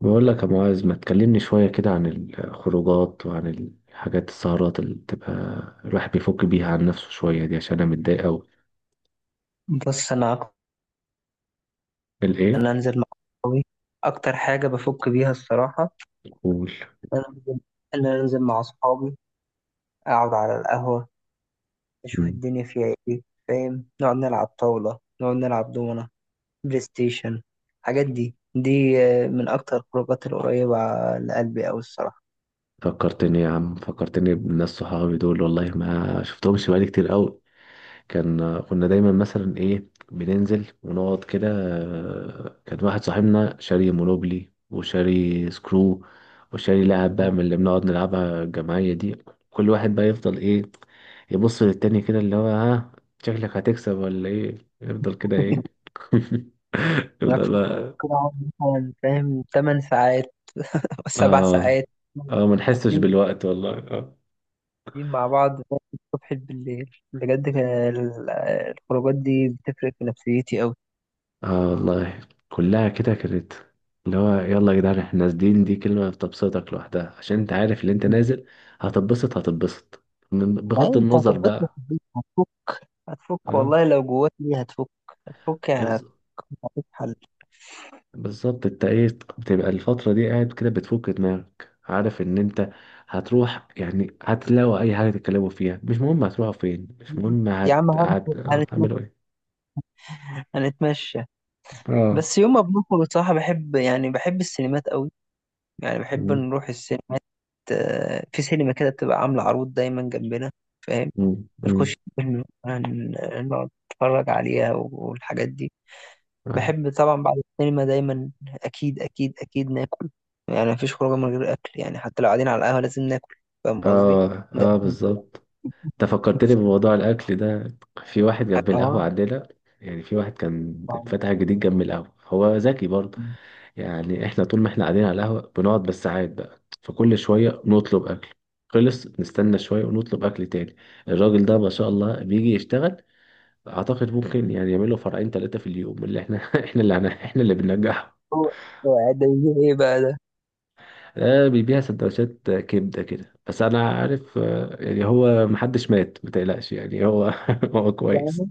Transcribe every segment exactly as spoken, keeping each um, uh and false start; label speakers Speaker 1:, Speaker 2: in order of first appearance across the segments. Speaker 1: بقول لك يا معاذ، ما تكلمني شوية كده عن الخروجات وعن الحاجات السهرات اللي بتبقى الواحد بيفك بيها عن نفسه شوية دي؟ عشان أنا متضايق أوي.
Speaker 2: بص انا اكتر
Speaker 1: الإيه؟
Speaker 2: ان انزل مع اصحابي اكتر حاجه بفك بيها الصراحه
Speaker 1: قول.
Speaker 2: ان انا انزل ان انا انزل مع اصحابي، اقعد على القهوه، اشوف
Speaker 1: مم.
Speaker 2: الدنيا فيها ايه. فاهم؟ نقعد نلعب طاوله، نقعد نلعب دومنه، بلاي ستيشن، الحاجات دي دي. آه، من اكتر الخروجات القريبه لقلبي اوي الصراحه.
Speaker 1: فكرتني يا عم، فكرتني بالناس صحابي دول، والله ما شفتهمش بقالي كتير أوي. كان كنا دايما مثلا ايه بننزل ونقعد كده. آه، كان واحد صاحبنا شاري مونوبلي وشاري سكرو وشاري لعب بقى من اللي بنقعد نلعبها الجماعية دي. كل واحد بقى يفضل ايه، يبص للتاني كده، اللي هو ها، شكلك هتكسب ولا ايه؟ يفضل كده ايه
Speaker 2: انا
Speaker 1: يفضل
Speaker 2: كنت
Speaker 1: بقى.
Speaker 2: كنت اقعد مثلا فاهم تمانية ساعات، سبع
Speaker 1: اه
Speaker 2: ساعات.
Speaker 1: اه، ما نحسش
Speaker 2: حاسين
Speaker 1: بالوقت والله. آه.
Speaker 2: قاعدين مع بعض من الصبح بالليل، بجد كان ال- الخروجات دي بتفرق في نفسيتي أوي.
Speaker 1: اه والله، كلها كده كانت اللي هو يلا يا جدعان احنا نازلين. دي كلمة بتبسطك لوحدها، عشان انت عارف اللي انت نازل هتتبسط هتتبسط، من-
Speaker 2: لا
Speaker 1: بغض
Speaker 2: أنت
Speaker 1: النظر
Speaker 2: هتبقى في
Speaker 1: بقى.
Speaker 2: البيت، هتفك هتفك
Speaker 1: اه.
Speaker 2: والله، لو جواك ليه هتفك، هتفك يعني
Speaker 1: بز...
Speaker 2: هتفك. مفيش حل.
Speaker 1: بالظبط. انت ايه بتبقى الفترة دي قاعد كده بتفك دماغك، عارف ان انت هتروح، يعني هتلاقوا اي حاجة تتكلموا فيها، مش مهم هتروحوا فين، مش مهم
Speaker 2: يا
Speaker 1: هت...
Speaker 2: عم هن-
Speaker 1: هت...
Speaker 2: هنتمشى،
Speaker 1: هتعملوا ايه.
Speaker 2: هنتمشى.
Speaker 1: اه.
Speaker 2: بس يوم ما بنخرج بصراحة بحب، يعني بحب السينمات أوي، يعني بحب
Speaker 1: مم.
Speaker 2: نروح السينمات. آه، في سينما كده بتبقى عاملة عروض دايما جنبنا، فاهم؟
Speaker 1: مم. مم.
Speaker 2: بنخش فيلم، هن- نقعد نتفرج عليها والحاجات دي.
Speaker 1: أي.
Speaker 2: بحب طبعا بعد السينما دايما اكيد اكيد اكيد ناكل، يعني مفيش خروجه من غير اكل، يعني حتى لو قاعدين على القهوه لازم ناكل. فاهم قصدي؟
Speaker 1: اه
Speaker 2: ده
Speaker 1: اه
Speaker 2: أكيد.
Speaker 1: بالظبط. انت فكرتني بموضوع الاكل ده. في واحد جنب القهوه
Speaker 2: اه.
Speaker 1: عندنا، يعني في واحد كان فتح جديد جنب القهوه، هو ذكي برضه. يعني احنا طول ما احنا قاعدين على القهوه بنقعد بالساعات، بقى فكل شويه نطلب اكل، خلص نستنى شويه ونطلب اكل تاني. الراجل ده ما شاء الله بيجي يشتغل، اعتقد ممكن يعني يعمل له فرعين ثلاثه في اليوم اللي احنا احنا اللي هن- احنا اللي بننجحه.
Speaker 2: هو هو ده يجيب ايه بقى ده؟
Speaker 1: ده بيبيع سندوتشات كبده كده، بس انا عارف. آه، يعني هو محدش مات ما تقلقش يعني هو هو كويس.
Speaker 2: يعني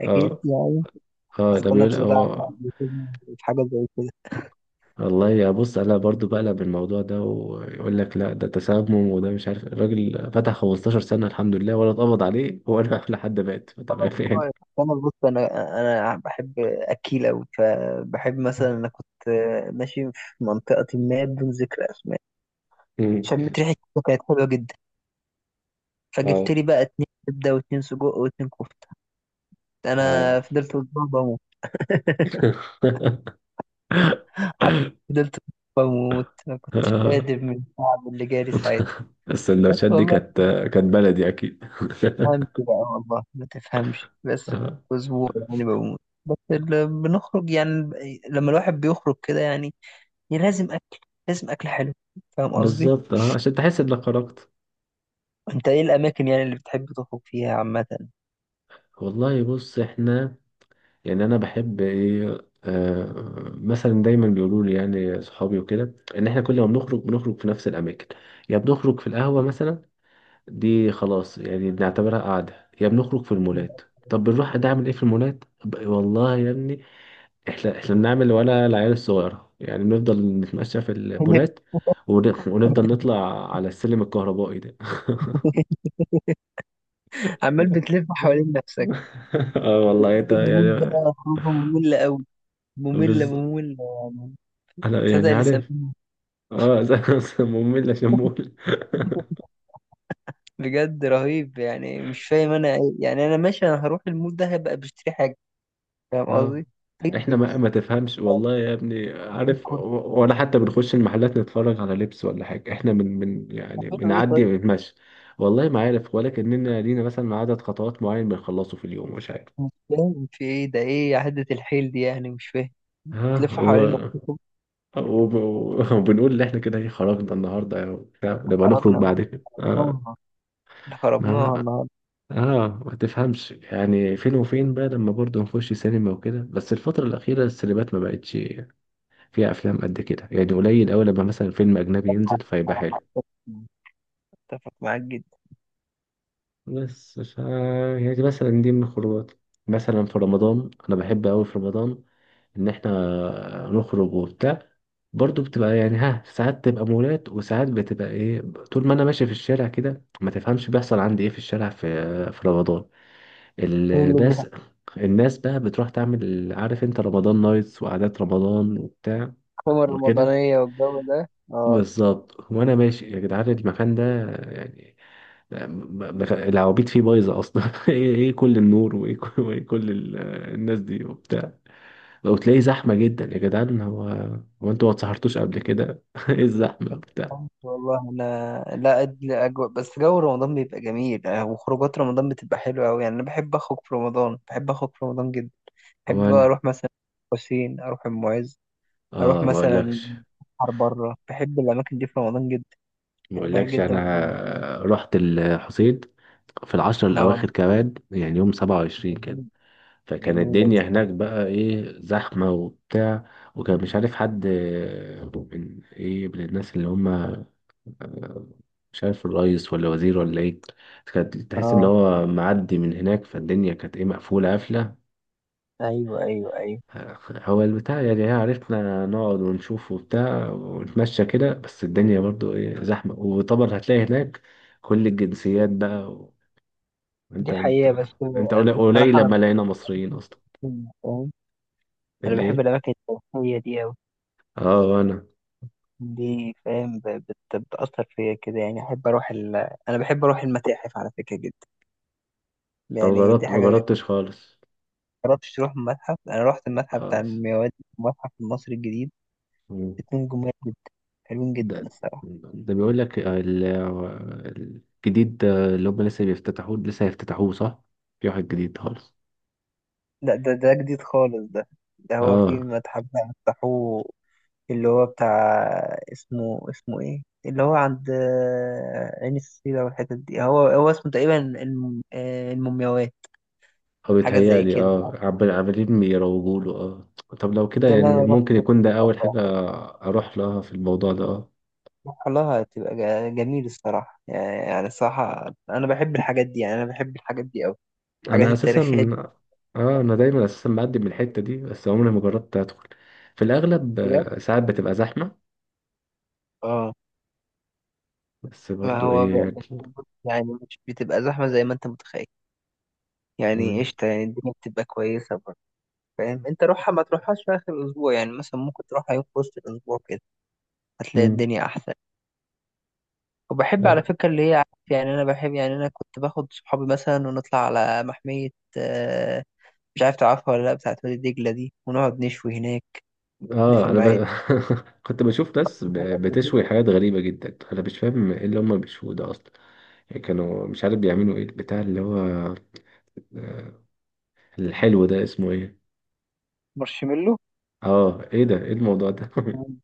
Speaker 2: اكيد
Speaker 1: اه
Speaker 2: يعني.
Speaker 1: اه،
Speaker 2: اصل
Speaker 1: ده
Speaker 2: انا
Speaker 1: بيقول
Speaker 2: اتلدعت
Speaker 1: هو.
Speaker 2: قبل كده في حاجه زي كده.
Speaker 1: والله يا بص، انا برضو بقلب الموضوع ده ويقول لك لا ده تسمم، وده مش عارف الراجل فتح خمستاشر سنة الحمد لله، ولا اتقبض عليه ولا لحد مات،
Speaker 2: انا
Speaker 1: فتمام يعني.
Speaker 2: كويس. انا بص انا انا بحب اكيل اوي، فبحب مثلا انا كنت ماشي في منطقه ما بدون ذكر اسماء،
Speaker 1: مم.
Speaker 2: شميت ريحه كده كانت حلوه جدا، فجبت
Speaker 1: اه
Speaker 2: لي بقى اتنين كبده واتنين سجق واتنين كفته.
Speaker 1: اه
Speaker 2: انا فضلت اسبوع بموت. حرفياً فضلت أسبوع بموت، ما كنتش
Speaker 1: آه.
Speaker 2: قادر من التعب اللي جالي ساعتها. بس
Speaker 1: السندوتشات دي
Speaker 2: والله
Speaker 1: كانت، كانت بلدي اكيد
Speaker 2: ما تفهمش بقى، والله ما تفهمش. بس
Speaker 1: آه.
Speaker 2: اسبوع يعني بموت. بس اللي بنخرج يعني، لما الواحد بيخرج كده يعني لازم اكل، لازم اكل حلو. فاهم قصدي؟
Speaker 1: بالظبط، اه عشان تحس انك خرجت.
Speaker 2: انت ايه الاماكن يعني اللي بتحب تخرج فيها عامه؟
Speaker 1: والله بص، احنا يعني انا بحب ايه، آه مثلا دايما بيقولوا لي يعني صحابي وكده ان احنا كل ما بنخرج بنخرج في نفس الاماكن. يا بنخرج في القهوه مثلا، دي خلاص يعني بنعتبرها قعده، يا بنخرج في المولات. طب بنروح ده اعمل ايه في المولات؟ ب- والله يا ابني احنا احنا بنعمل وانا العيال الصغيره يعني، بنفضل نتمشى في المولات ون- ونفضل نطلع على السلم الكهربائي ده
Speaker 2: عمال بتلف حوالين نفسك.
Speaker 1: اه والله انت
Speaker 2: بجد المول ده
Speaker 1: يعني.
Speaker 2: خروجه مملة قوي، مملة
Speaker 1: بز...
Speaker 2: مملة يعني.
Speaker 1: انا
Speaker 2: تصدق
Speaker 1: يعني
Speaker 2: اللي
Speaker 1: عارف.
Speaker 2: سموه.
Speaker 1: اه مملة شمول.
Speaker 2: بجد رهيب يعني، مش فاهم انا إيه. يعني انا ماشي انا هروح المول ده هبقى بشتري حاجة، فاهم
Speaker 1: اه
Speaker 2: قصدي؟ إيه اللي
Speaker 1: احنا ما ما تفهمش والله يا ابني، عارف
Speaker 2: بتكون
Speaker 1: و- ولا حتى بنخش المحلات نتفرج على لبس ولا حاجة، احنا من من يعني
Speaker 2: بتعملوا ايه
Speaker 1: بنعدي
Speaker 2: طيب؟
Speaker 1: بنتمشى. والله ما عارف، ولا كأننا لينا مثلا عدد خطوات معين بنخلصه في اليوم، مش عارف.
Speaker 2: مش فاهم في ايه ده، ايه عدة الحيل دي يعني؟ مش فاهم.
Speaker 1: ها
Speaker 2: تلف
Speaker 1: و...
Speaker 2: حوالين نفسكم.
Speaker 1: وب- وبنقول ان احنا كده ايه خرجنا النهارده وبتاع، نبقى نخرج
Speaker 2: خربنا
Speaker 1: بعد كده. اه
Speaker 2: خربناها خربناها
Speaker 1: ما
Speaker 2: النهارده.
Speaker 1: اه، ما تفهمش يعني فين وفين بقى، لما برضه نخش سينما وكده. بس الفترة الأخيرة السينمات ما بقتش فيها افلام قد كده، يعني قليل اوي لما مثلا فيلم اجنبي ينزل فيبقى حلو.
Speaker 2: صراحة اتفق معاك جدا.
Speaker 1: بس ف يعني دي مثلا دي من الخروجات. مثلا في رمضان، انا بحب اوي في رمضان ان احنا نخرج وبتاع. برضو بتبقى يعني ها ساعات تبقى مولات وساعات بتبقى ايه، طول ما انا ماشي في الشارع كده ما تفهمش بيحصل عندي ايه في الشارع، في في رمضان.
Speaker 2: ايه اللي
Speaker 1: الناس، الناس بقى بتروح تعمل عارف انت رمضان نايتس وقعدات رمضان وبتاع
Speaker 2: بيحكم
Speaker 1: وكده.
Speaker 2: الرمضانية والجو ده؟ اه
Speaker 1: بالظبط، وانا ماشي يا جدعان المكان ده يعني، م- م- العوابيت فيه بايظه اصلا ايه إيه كل النور، وايه كل، وإيه كل ال- الناس دي وبتاع. لو تلاقي زحمه جدا يا جدعان، هو هو انتوا ما اتسهرتوش قبل كده ايه الزحمه وبتاع.
Speaker 2: والله انا لا أدري اجواء، بس جو رمضان بيبقى جميل. آه، وخروجات رمضان بتبقى حلوه قوي، يعني انا بحب اخرج في رمضان، بحب اخرج في رمضان جدا.
Speaker 1: هو
Speaker 2: بحب بقى
Speaker 1: انا،
Speaker 2: اروح مثلا، حسين، اروح المعز، اروح
Speaker 1: اه ما
Speaker 2: مثلا
Speaker 1: اقولكش،
Speaker 2: بحر بره، بحب الاماكن دي في رمضان جدا،
Speaker 1: ما
Speaker 2: بحبها
Speaker 1: اقولكش
Speaker 2: جدا في رمضان.
Speaker 1: انا رحت الحسين في العشر
Speaker 2: اه
Speaker 1: الاواخر كمان، يعني يوم سبعة وعشرين كده.
Speaker 2: جميل.
Speaker 1: فكان
Speaker 2: جميله دي.
Speaker 1: الدنيا هناك بقى ايه زحمة وبتاع، وكان مش عارف حد، آه، من ايه من الناس اللي هم مش عارف الرئيس ولا وزير ولا ايه، كانت تحس ان
Speaker 2: اه
Speaker 1: هو معدي من هناك، فالدنيا كانت ايه مقفولة قافلة.
Speaker 2: ايوه ايوه ايوه.
Speaker 1: هو البتاع يعني، إيه، عرفنا نقعد ونشوف وبتاع ونتمشى كده، بس الدنيا برضو ايه زحمة. وطبعا هتلاقي هناك كل الجنسيات بقى و-
Speaker 2: دي
Speaker 1: انت، انت
Speaker 2: حقيقه. بس
Speaker 1: انت
Speaker 2: آه،
Speaker 1: قليل قليل
Speaker 2: بصراحه
Speaker 1: لما
Speaker 2: انا
Speaker 1: لقينا مصريين اصلا.
Speaker 2: بحب، فاهم؟ انا بحب
Speaker 1: الايه؟
Speaker 2: الاماكن التاريخيه دي أوي.
Speaker 1: اه وانا،
Speaker 2: دي فاهم ب- بت- بتأثر فيا كده يعني، أحب أروح ال... أنا بحب أروح المتاحف على فكرة جدا.
Speaker 1: أو
Speaker 2: يعني دي
Speaker 1: جربت؟ ما
Speaker 2: حاجة غير،
Speaker 1: جربتش خالص،
Speaker 2: مجربتش تروح متحف؟ أنا رحت المتحف بتاع
Speaker 1: خالص.
Speaker 2: المومياوات، المتحف المصري الجديد،
Speaker 1: مم.
Speaker 2: اتنين جمال جدا، حلوين جدا
Speaker 1: ده،
Speaker 2: الصراحة.
Speaker 1: ده بيقول لك ال- الجديد ده اللي هم لسه بيفتتحوه، لسه هيفتتحوه صح؟ في واحد جديد خالص.
Speaker 2: لا ده ده جديد خالص ده. ده هو في
Speaker 1: اه
Speaker 2: متحف بقى فتحوه، اللي هو بتاع، اسمه اسمه إيه، اللي هو عند آه، عين السيرة والحتت دي، هو هو اسمه تقريبا الم- آه، المومياوات،
Speaker 1: هو
Speaker 2: حاجة زي
Speaker 1: بيتهيألي
Speaker 2: كده
Speaker 1: اه
Speaker 2: يعني.
Speaker 1: عمال- عمالين بيروجوا له اه. طب لو كده
Speaker 2: ده اللي
Speaker 1: يعني
Speaker 2: أنا رحت.
Speaker 1: ممكن يكون ده أول حاجة أروح لها في الموضوع ده اه.
Speaker 2: والله هتبقى جا- جميل الصراحة، يعني يعني الصراحة أنا بحب الحاجات دي، يعني أنا بحب الحاجات دي أوي، الحاجات
Speaker 1: أنا أساسا،
Speaker 2: التاريخية دي.
Speaker 1: اه أنا دايما أساسا بقدم من الحتة دي بس عمري ما جربت أدخل في الأغلب.
Speaker 2: بجد
Speaker 1: آه، ساعات بتبقى زحمة
Speaker 2: اه.
Speaker 1: بس
Speaker 2: ما
Speaker 1: برضو
Speaker 2: هو
Speaker 1: إيه
Speaker 2: ب-
Speaker 1: يعني.
Speaker 2: بس- يعني مش بتبقى زحمة زي ما أنت متخيل، يعني
Speaker 1: مم.
Speaker 2: قشطة، يعني الدنيا بتبقى كويسة برضه. فاهم أنت، روحها ما تروحهاش في آخر الأسبوع، يعني مثلا ممكن تروحها يوم في وسط الأسبوع كده، هتلاقي الدنيا أحسن. وبحب على
Speaker 1: مم.
Speaker 2: فكرة اللي هي عارف يعني، أنا بحب يعني، أنا كنت باخد صحابي مثلا ونطلع على محمية. آه، مش عارف تعرفها ولا لأ، بتاعت وادي دجلة دي، ونقعد نشوي هناك، اللي في
Speaker 1: اه انا
Speaker 2: المعادي.
Speaker 1: ب... كنت بشوف ناس ب...
Speaker 2: سمعت قبل
Speaker 1: بتشوي
Speaker 2: كده
Speaker 1: حاجات غريبه جدا، انا مش فاهم ايه اللي هم بيشووا ده اصلا. يعني كانوا مش عارف بيعملوا ايه البتاع اللي هو الحلو ده اسمه ايه؟
Speaker 2: مارشميلو.
Speaker 1: اه ايه ده؟ ايه الموضوع ده
Speaker 2: مم.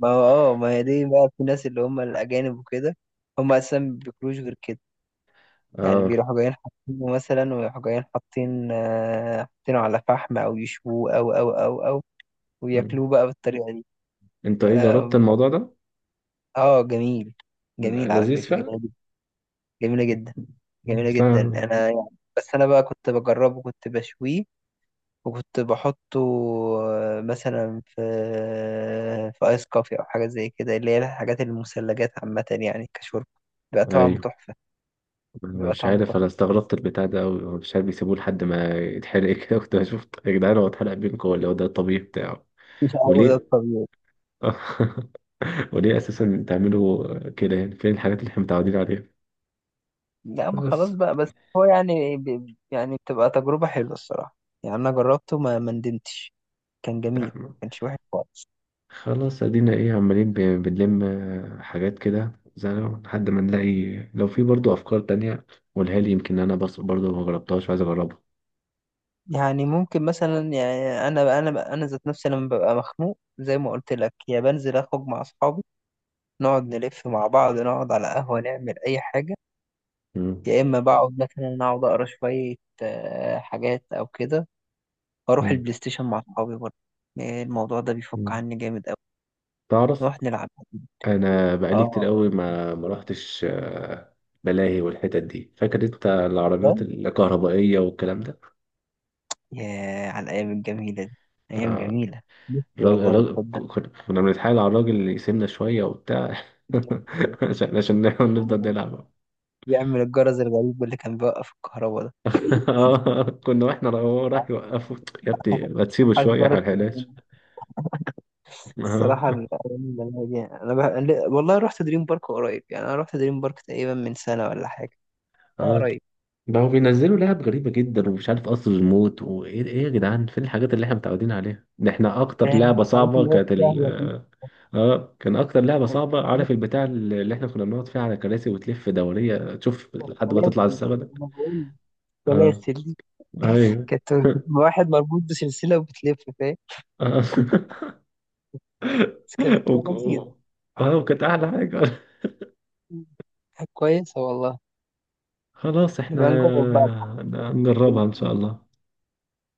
Speaker 2: ما هو اه، ما هي دي بقى في ناس اللي هم الأجانب وكده، هم أساسا ما بياكلوش غير كده، يعني
Speaker 1: اه.
Speaker 2: بيروحوا جايين حاطينه مثلا، ويروحوا جايين حاطين، آه، حاطينه على فحم أو يشووه أو أو أو أو
Speaker 1: مم.
Speaker 2: وياكلوه بقى بالطريقة دي.
Speaker 1: انت ايه، جربت
Speaker 2: اه
Speaker 1: الموضوع ده؟
Speaker 2: آه، جميل،
Speaker 1: ل-
Speaker 2: جميل على فكرة،
Speaker 1: لذيذ
Speaker 2: جميلة
Speaker 1: فعلا؟
Speaker 2: جدا، جميلة جدا، جميلة
Speaker 1: بس
Speaker 2: جدا
Speaker 1: أنا،
Speaker 2: أنا يعني. بس أنا بقى كنت بجربه، كنت بشويه وكنت بحطه، آه، مثلا في في ايس كوفي او حاجه زي كده، اللي هي الحاجات المثلجات عامه يعني كشرب، بيبقى طعمه
Speaker 1: ايوه.
Speaker 2: تحفه.
Speaker 1: أنا
Speaker 2: بيبقى
Speaker 1: مش
Speaker 2: طعمه
Speaker 1: عارف، انا
Speaker 2: تحفه،
Speaker 1: استغربت البتاع ده قوي، مش عارف بيسيبوه لحد ما يتحرق كده كنت بشوف يا جدعان هو اتحرق بينكم، ولا هو ده الطبيعي بتاعه؟
Speaker 2: مش هو ده
Speaker 1: وليه؟
Speaker 2: الطبيعي؟
Speaker 1: وليه اساسا تعملوا كده؟ يعني فين الحاجات اللي احنا متعودين عليها؟
Speaker 2: لا ما
Speaker 1: بس.
Speaker 2: خلاص بقى بس، هو يعني ب... يعني بتبقى تجربه حلوه الصراحه، يعني انا جربته ما ما ندمتش، كان جميل ما
Speaker 1: تمام.
Speaker 2: كانش وحش خالص.
Speaker 1: خلاص ادينا ايه عمالين ب- بنلم، آه، حاجات كده زي ما، لحد ما نلاقي لو في برضو افكار تانية قولها لي، يمكن انا بس برضو ما جربتهاش وعايز اجربها.
Speaker 2: يعني ممكن مثلا يعني انا انا انا ذات نفسي لما ببقى مخنوق زي ما قلت لك، يا بنزل اخرج مع اصحابي، نقعد نلف مع بعض، نقعد على قهوه، نعمل اي حاجه.
Speaker 1: مم.
Speaker 2: يا اما بقعد مثلا، اقعد اقرا شويه، آه، حاجات او كده، واروح
Speaker 1: مم.
Speaker 2: البلاي ستيشن مع اصحابي برضه. آه، الموضوع ده بيفك
Speaker 1: مم.
Speaker 2: عني جامد قوي.
Speaker 1: تعرف
Speaker 2: نروح نلعب.
Speaker 1: انا بقالي كتير
Speaker 2: اه،
Speaker 1: قوي ما ما روحتش، آه، ملاهي والحتت دي، فاكر انت العربيات
Speaker 2: فاهم؟
Speaker 1: الكهربائية والكلام ده.
Speaker 2: يا على الايام الجميله دي، ايام
Speaker 1: آه.
Speaker 2: جميله. نفسي
Speaker 1: الراجل
Speaker 2: والله،
Speaker 1: الراجل-
Speaker 2: تصدق؟
Speaker 1: كنا كنا بنتحايل على الراجل اللي يسيبنا شوية وبتاع عشان عشان نفضل نلعب.
Speaker 2: يعمل الجرس الغريب اللي كان بيوقف الكهرباء ده.
Speaker 1: اه، كنا واحنا را- هو راح يوقفه، يا ابني ما تسيبه
Speaker 2: وحش
Speaker 1: شوية
Speaker 2: جرس
Speaker 1: هلهلاش.
Speaker 2: الدنيا.
Speaker 1: اه.
Speaker 2: الصراحه الايام الجميله دي انا بح... والله رحت دريم بارك قريب، يعني انا رحت دريم بارك تقريبا من سنه ولا حاجه. اه
Speaker 1: اه
Speaker 2: قريب.
Speaker 1: ده هو بينزلوا لعب غريبة جدا، ومش عارف قصر الموت وايه ايه ايه، يا جدعان فين الحاجات اللي احنا متعودين عليها، ده احنا اكتر
Speaker 2: فاهم
Speaker 1: لعبة
Speaker 2: انت الحاجات
Speaker 1: صعبة
Speaker 2: اللي هي
Speaker 1: كانت ال...
Speaker 2: السهله.
Speaker 1: اه كان اكتر لعبة صعبة عارف البتاع اللي احنا كنا بنقعد فيها على كراسي وتلف دورية تشوف لحد ما تطلع
Speaker 2: سلاسل،
Speaker 1: السما ده.
Speaker 2: انا بقول
Speaker 1: اه
Speaker 2: سلاسل دي،
Speaker 1: ايوه
Speaker 2: كانت بتبقى واحد مربوط بسلسلة وبتلف، فاهم؟
Speaker 1: آه.
Speaker 2: بس كانت بتبقى
Speaker 1: وك-
Speaker 2: لذيذة،
Speaker 1: و- اه وكانت احلى حاجة.
Speaker 2: كانت كويسة والله.
Speaker 1: خلاص احنا
Speaker 2: نبقى نجرب بقى.
Speaker 1: نجربها ان شاء الله.